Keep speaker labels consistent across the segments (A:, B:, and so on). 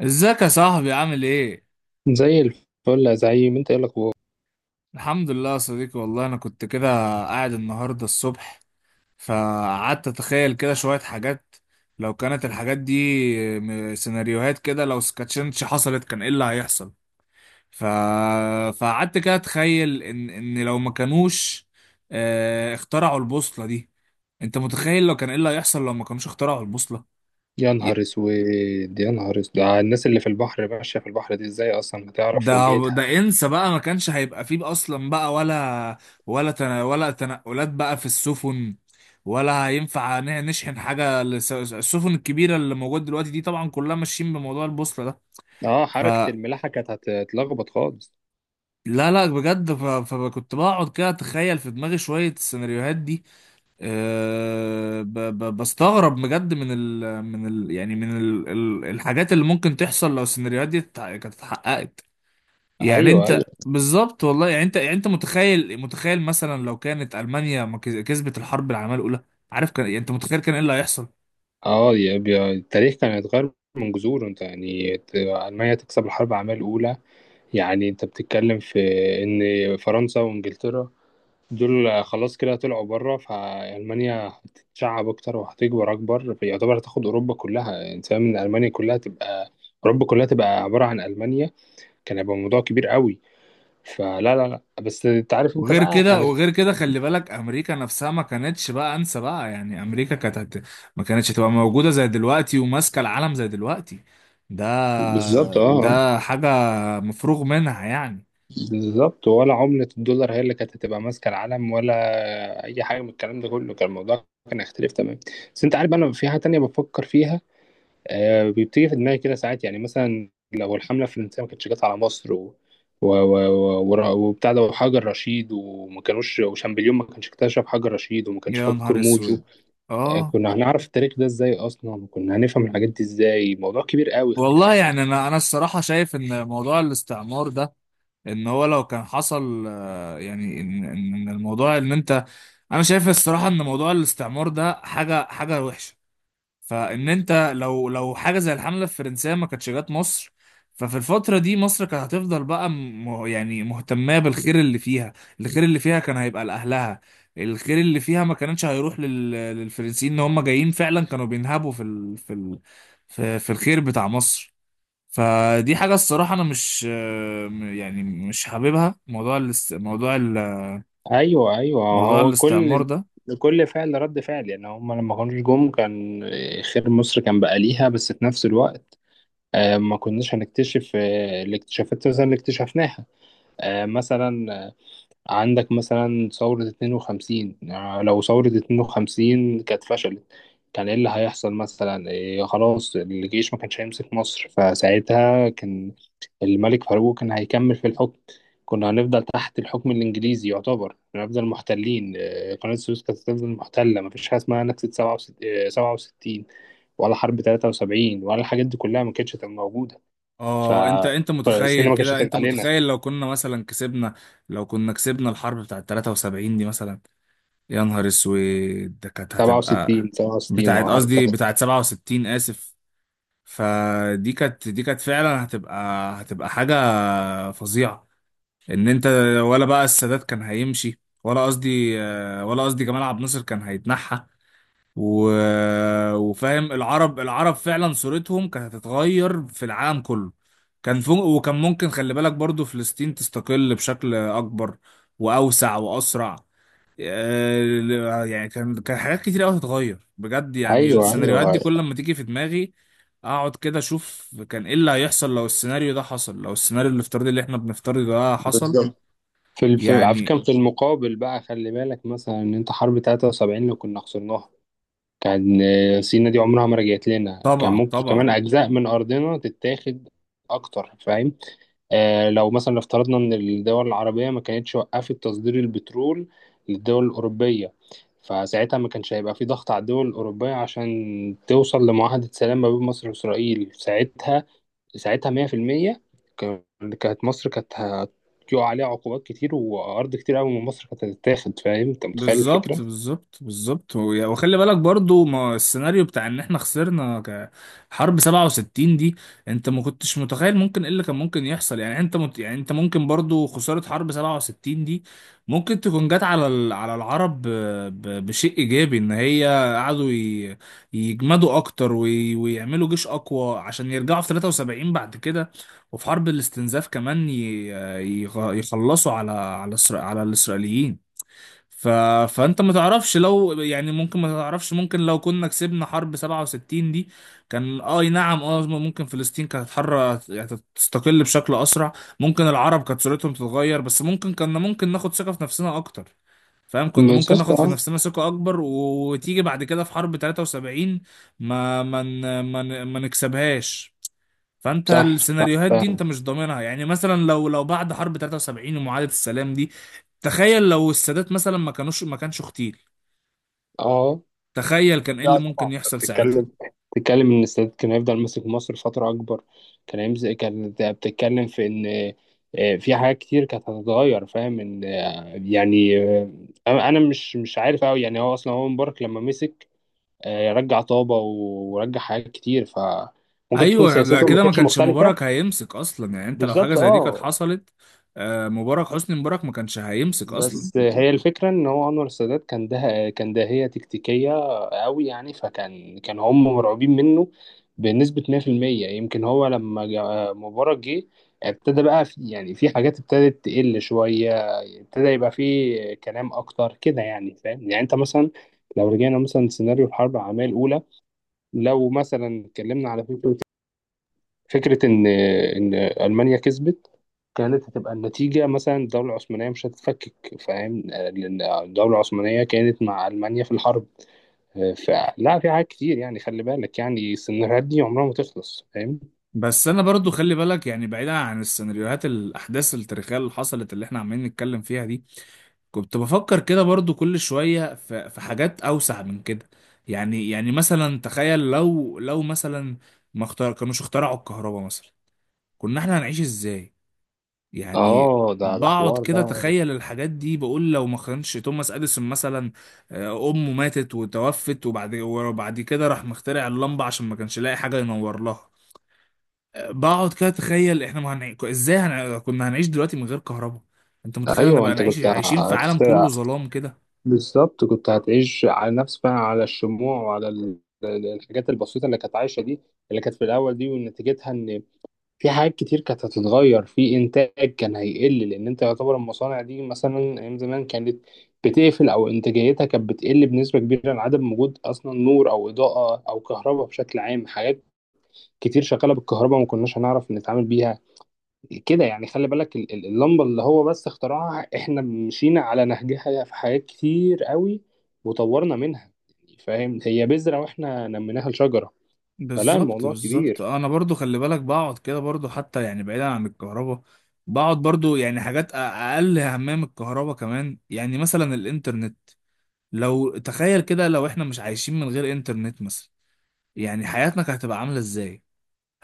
A: ازيك يا صاحبي؟ عامل ايه؟
B: زي الفل يا زعيم، انت ايه الاخبار؟
A: الحمد لله يا صديقي. والله انا كنت كده قاعد النهارده الصبح فقعدت اتخيل كده شوية حاجات لو كانت الحاجات دي سيناريوهات كده، لو سكاتشنش حصلت كان ايه اللي هيحصل؟ ف... فقعدت كده اتخيل ان لو ما كانوش اخترعوا البوصلة دي. انت متخيل لو كان ايه اللي هيحصل لو ما كانوش اخترعوا البوصلة؟
B: يا نهار اسود يا نهار اسود، الناس اللي في البحر ماشيه في البحر دي ازاي اصلا
A: ده
B: هتعرف وجهتها؟
A: ده انسى بقى، ما كانش هيبقى فيه اصلا، بقى ولا ولا تنا ولا تنقلات بقى في السفن، ولا هينفع نشحن حاجه السفن الكبيره اللي موجوده دلوقتي دي، طبعا كلها ماشيين بموضوع البوصله ده.
B: اه، حركه
A: فلا
B: الملاحه كانت هتتلخبط خالص.
A: لا لا بجد. فكنت بقعد كده اتخيل في دماغي شويه السيناريوهات دي. بستغرب بجد من ال يعني من ال الحاجات اللي ممكن تحصل لو السيناريوهات دي كانت اتحققت. يعني
B: ايوه ايوه.
A: انت بالظبط، والله يعني انت، يعني انت متخيل، متخيل مثلا لو كانت المانيا ما كز- كسبت الحرب العالميه الاولى؟ عارف، كان يعني انت متخيل كان ايه اللي هيحصل؟
B: اه، التاريخ كان هيتغير من جذوره. انت يعني المانيا تكسب الحرب العالميه الاولى؟ يعني انت بتتكلم في ان فرنسا وانجلترا دول خلاص كده طلعوا بره، فألمانيا هتتشعب أكتر وهتكبر أكبر، فيعتبر هتاخد أوروبا كلها. أنت فاهم إن ألمانيا كلها تبقى، أوروبا كلها تبقى عبارة عن ألمانيا؟ كان هيبقى موضوع كبير قوي. فلا لا لا، بس أنت عارف، أنت
A: وغير
B: بقى
A: كده،
B: أنا.
A: وغير كده، خلي بالك امريكا نفسها ما كانتش، بقى انسى بقى، يعني امريكا ما كانتش هتبقى موجوده زي دلوقتي وماسكه العالم زي دلوقتي. ده
B: بالظبط أه. آه.
A: ده حاجه مفروغ منها يعني.
B: بالظبط. ولا عملة الدولار هي اللي كانت هتبقى ماسكة العالم، ولا أي حاجة من الكلام ده كله؟ كان الموضوع كان هيختلف تمام. بس أنت عارف، أنا في حاجة تانية بفكر فيها. بيبتدي في دماغي كده ساعات، يعني مثلا لو الحملة الفرنسية ما كانتش جت على مصر و... و... وبتاع ده وحجر رشيد، وما كانوش، وشامبليون ما كانش اكتشف حجر رشيد وما كانش
A: يا
B: فاك
A: نهار اسود!
B: كرموزه.
A: اه،
B: كنا هنعرف التاريخ ده ازاي اصلا، وكنا هنفهم الحاجات دي ازاي؟ موضوع كبير قوي، خلي
A: والله
B: بالك.
A: يعني انا الصراحه شايف ان موضوع الاستعمار ده، ان هو لو كان حصل، يعني ان إن الموضوع ان انت، انا شايف الصراحه ان موضوع الاستعمار ده حاجه حاجه وحشه. انت لو لو حاجه زي الحمله الفرنسيه ما كانتش جت مصر، ففي الفترة دي مصر كانت هتفضل بقى يعني مهتمة بالخير اللي فيها، الخير اللي فيها كان هيبقى لأهلها، الخير اللي فيها ما كانش هيروح للفرنسيين ان هم جايين فعلا كانوا بينهبوا في في الخير بتاع مصر. فدي حاجة الصراحة أنا مش، يعني مش حاببها،
B: ايوه ايوه.
A: موضوع
B: هو
A: الاستعمار
B: كل
A: ده.
B: كل فعل رد فعل، يعني هم لما كانوش جم كان، خير مصر كان بقى ليها، بس في نفس الوقت ما كناش هنكتشف الاكتشافات مثلا اللي اكتشفناها. مثلا عندك مثلا ثورة 52، لو ثورة 52 كانت فشلت، كان ايه اللي هيحصل مثلا؟ إيه، خلاص الجيش ما كانش هيمسك مصر، فساعتها كان الملك فاروق كان هيكمل في الحكم. كنا هنفضل تحت الحكم الإنجليزي، يعتبر هنفضل محتلين. قناة السويس كانت هتفضل محتلة. مفيش حاجة اسمها نكسة 67 67، ولا حرب 73، ولا الحاجات دي كلها ما كانتش هتبقى موجودة.
A: اه انت، انت
B: فالسينما
A: متخيل
B: ما كانتش
A: كده،
B: هتبقى
A: انت
B: علينا.
A: متخيل لو كنا مثلا كسبنا، لو كنا كسبنا الحرب بتاعه 73 دي مثلا؟ يا نهار اسود، ده كانت
B: سبعة
A: هتبقى،
B: وستين 67،
A: بتاعه
B: اه حرب.
A: قصدي، بتاعه 67، اسف. فدي كانت، دي كانت فعلا هتبقى، هتبقى حاجة فظيعة. ان انت، ولا بقى السادات كان هيمشي، ولا قصدي، ولا قصدي جمال عبد الناصر كان هيتنحى. و... وفاهم العرب، العرب فعلا صورتهم كانت هتتغير في العالم كله، كان فوق، وكان ممكن خلي بالك برضو فلسطين تستقل بشكل أكبر وأوسع وأسرع. يعني كان، كان حاجات كتير قوي هتتغير بجد. يعني
B: ايوه
A: السيناريوهات دي
B: ايوه.
A: كل ما تيجي في دماغي اقعد كده اشوف كان ايه اللي هيحصل لو السيناريو ده حصل، لو السيناريو الافتراضي اللي احنا بنفترضه ده حصل،
B: بالظبط. على
A: يعني.
B: فكره، في المقابل بقى، خلي بالك مثلا ان انت حرب 73 اللي كنا خسرناها، كان، سينا دي عمرها ما رجعت لنا، كان
A: طبعا
B: ممكن كمان
A: طبعا.
B: اجزاء من ارضنا تتاخد اكتر، فاهم؟ آه، لو مثلا افترضنا ان الدول العربيه ما كانتش وقفت تصدير البترول للدول الاوروبيه، فساعتها ما كانش هيبقى في ضغط على الدول الاوروبيه عشان توصل لمعاهده سلام ما بين مصر واسرائيل ساعتها. ساعتها 100%. كان- كانت مصر كانت هتقع عليها عقوبات كتير، وأرض كتير أوي من مصر كانت هتتاخد. فاهم؟ أنت متخيل
A: بالظبط
B: الفكرة؟
A: بالظبط بالظبط. وخلي بالك برضو ما السيناريو بتاع ان احنا خسرنا حرب 67 دي. انت ما كنتش متخيل ممكن ايه اللي كان ممكن يحصل؟ يعني انت يعني انت ممكن برضو خسارة حرب 67 دي ممكن تكون جت على العرب بشيء ايجابي، ان هي قعدوا يجمدوا اكتر ويعملوا جيش اقوى عشان يرجعوا في 73 بعد كده. وفي حرب الاستنزاف كمان ي... يخلصوا على الاسرائيليين. ف... فانت ما تعرفش لو، يعني ممكن ما تعرفش، ممكن لو كنا كسبنا حرب 67 دي، كان اي نعم، اه ممكن فلسطين كانت حرة يعني، تستقل بشكل اسرع، ممكن العرب كانت صورتهم تتغير، بس ممكن كنا، ممكن ناخد ثقة في نفسنا اكتر، فاهم، كنا ممكن
B: بالظبط
A: ناخد في
B: أه.
A: نفسنا ثقة اكبر، وتيجي بعد كده في حرب 73 ما نكسبهاش. فانت
B: صح صح
A: السيناريوهات دي
B: فعلا.
A: انت مش ضامنها. يعني مثلا لو لو بعد حرب 73 ومعاهدة السلام دي، تخيل لو السادات مثلا ما كانش اغتيل،
B: أه،
A: تخيل كان ايه اللي
B: لا طبعا،
A: ممكن
B: أنت
A: يحصل ساعتها.
B: بتتكلم. بتتكلم إن السادات كان هيفضل ماسك مصر فترة أكبر. كان بتتكلم في إن، في حاجات كتير كانت هتتغير. فاهم؟ إن، يعني أنا مش عارف أوي يعني. هو أصلا هو مبارك لما مسك، رجع طابة ورجع حاجات كتير، فممكن تكون
A: ايوه، ده
B: سياسته ما
A: كده ما
B: كانتش
A: كانش
B: مختلفة.
A: مبارك هيمسك اصلا. يعني انت لو حاجة
B: بالظبط
A: زي دي كانت
B: اه.
A: حصلت، مبارك، حسني مبارك ما كانش هيمسك اصلا.
B: بس هي الفكرة ان هو انور السادات كان، ده كان داهية تكتيكية قوي يعني، فكان كان هم مرعوبين منه بنسبة 100%. يمكن هو لما مبارك جه، ابتدى بقى في، يعني في حاجات ابتدت تقل شوية، ابتدى يبقى في كلام اكتر كده يعني. فاهم؟ يعني انت مثلا لو رجعنا مثلا سيناريو الحرب العالمية الأولى، لو مثلا اتكلمنا على فكرة، فكرة إن ألمانيا كسبت، كانت هتبقى النتيجة مثلا الدولة العثمانية مش هتتفكك، فاهم؟ لأن الدولة العثمانية كانت مع ألمانيا في الحرب. فلا، في حاجات كتير يعني، خلي بالك، يعني السيناريوهات دي عمرها ما تخلص. فاهم؟
A: بس انا برضو خلي بالك، يعني بعيدا عن السيناريوهات، الاحداث التاريخيه اللي حصلت اللي احنا عمالين نتكلم فيها دي، كنت بفكر كده برضو كل شوية في حاجات أوسع من كده. يعني، يعني مثلا تخيل لو، لو مثلا ما كانوش اخترعوا الكهرباء مثلا، كنا احنا هنعيش ازاي يعني؟
B: اه، ده
A: بقعد
B: حوار ده.
A: كده تخيل الحاجات دي، بقول لو ما كانش توماس اديسون مثلا، امه ماتت وتوفت، وبعد كده راح مخترع اللمبة عشان ما كانش لاقي حاجة ينور لها، بقعد كده اتخيل احنا ما هنعي... ازاي هن... كنا هنعيش دلوقتي من غير كهرباء. انت متخيل انا
B: ايوه
A: بقى
B: انت
A: نعيش،
B: كنت
A: عايشين في عالم كله
B: هتسترع.
A: ظلام كده.
B: بالظبط، كنت هتعيش على نفس بقى، على الشموع وعلى الحاجات البسيطة اللي كانت عايشة دي، اللي كانت في الأول دي، ونتيجتها إن في حاجات كتير كانت هتتغير. في انتاج كان هيقل، لان انت يعتبر المصانع دي مثلا ايام زمان كانت بتقفل، او انتاجيتها كانت بتقل بنسبه كبيره عن عدم وجود اصلا نور او اضاءه او كهرباء بشكل عام. حاجات كتير شغاله بالكهرباء ما كناش هنعرف نتعامل بيها كده يعني. خلي بالك اللمبه اللي هو بس اخترعها، احنا مشينا على نهجها في حاجات كتير قوي، وطورنا منها. فاهم؟ هي بذره واحنا نميناها لشجره. فلا
A: بالظبط
B: الموضوع
A: بالظبط.
B: كبير.
A: انا برضو خلي بالك بقعد كده برضو حتى، يعني بعيدا عن الكهرباء، بقعد برضو يعني حاجات اقل اهميه من الكهرباء كمان، يعني مثلا الانترنت. لو تخيل كده لو احنا مش عايشين من غير انترنت مثلا، يعني حياتنا كانت هتبقى عامله ازاي؟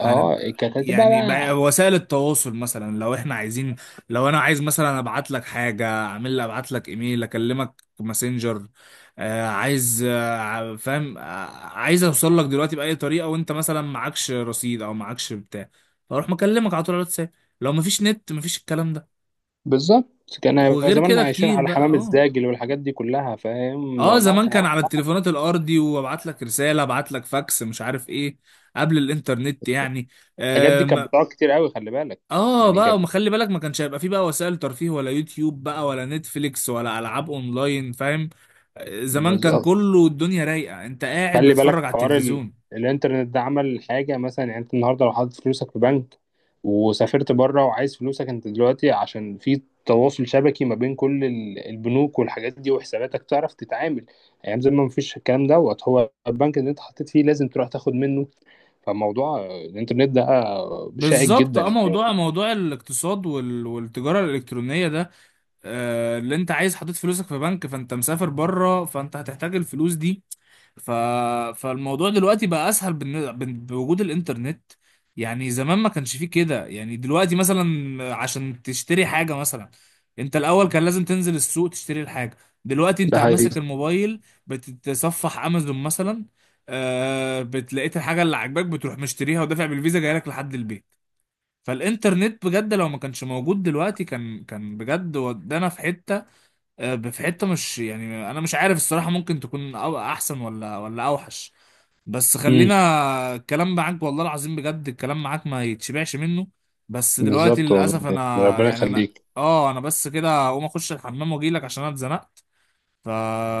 B: اه، كانت هتبقى
A: يعني
B: بقى.
A: وسائل التواصل مثلا لو احنا عايزين، لو انا عايز مثلا ابعت لك حاجه، اعمل لي، ابعت لك ايميل، اكلمك ماسنجر، آه عايز، فاهم، آه عايز اوصل لك دلوقتي باي طريقه وانت مثلا معكش رصيد او معكش بتاع، اروح مكلمك على طول على الواتساب. لو مفيش نت مفيش الكلام ده.
B: بالظبط، كان هيبقى
A: وغير
B: زماننا
A: كده
B: عايشين
A: كتير
B: على
A: بقى،
B: حمام
A: اه.
B: الزاجل والحاجات دي كلها. فاهم؟
A: اه،
B: الموضوع
A: زمان
B: كان
A: كان على
B: هيبقى،
A: التليفونات الارضي، وابعت لك رساله، ابعت لك فاكس، مش عارف ايه، قبل الانترنت يعني.
B: الحاجات دي كانت بتقعد كتير قوي، خلي بالك.
A: اه
B: يعني
A: بقى، وما خلي بالك ما كانش هيبقى فيه بقى وسائل ترفيه، ولا يوتيوب بقى، ولا نتفليكس، ولا العاب اونلاين، فاهم. زمان كان
B: بالظبط.
A: كله الدنيا رايقه، انت قاعد
B: خلي
A: بتتفرج
B: بالك
A: على
B: حوار
A: التلفزيون.
B: الانترنت ده عمل حاجة مثلا. يعني انت النهاردة لو حاطط فلوسك في بنك وسافرت بره وعايز فلوسك، انت دلوقتي عشان في تواصل شبكي ما بين كل البنوك والحاجات دي وحساباتك، تعرف تتعامل. ايام زمان ما فيش الكلام دوت، هو البنك اللي انت حطيت فيه لازم تروح تاخد منه. فموضوع الانترنت ده شائك
A: بالظبط.
B: جدا.
A: اه، موضوع موضوع الاقتصاد والتجاره الالكترونيه ده، آه اللي انت عايز حاطط فلوسك في بنك فانت مسافر بره فانت هتحتاج الفلوس دي، ف... فالموضوع دلوقتي بقى اسهل بوجود الانترنت. يعني زمان ما كانش فيه كده. يعني دلوقتي مثلا عشان تشتري حاجة مثلا، انت الاول كان لازم تنزل السوق تشتري الحاجة، دلوقتي انت
B: ده
A: عم
B: حقيقي.
A: ماسك الموبايل، بتتصفح امازون مثلا، آه بتلاقيت الحاجة اللي عاجباك بتروح مشتريها ودافع بالفيزا جايلك لحد البيت. فالانترنت بجد لو ما كانش موجود دلوقتي كان، كان بجد ودانا في حتة، في حتة، مش يعني انا مش عارف الصراحة ممكن تكون احسن ولا ولا اوحش. بس
B: امم
A: خلينا، الكلام معاك والله العظيم بجد الكلام معاك ما يتشبعش منه، بس دلوقتي
B: بالظبط والله
A: للاسف
B: يعني،
A: انا
B: ربنا
A: يعني انا،
B: يخليك.
A: اه انا بس كده هقوم اخش الحمام واجيلك عشان انا اتزنقت.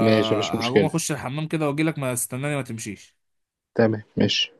B: ماشي مفيش مشكلة.
A: اخش الحمام كده واجيلك، ما استناني، ما تمشيش.
B: تمام ماشي.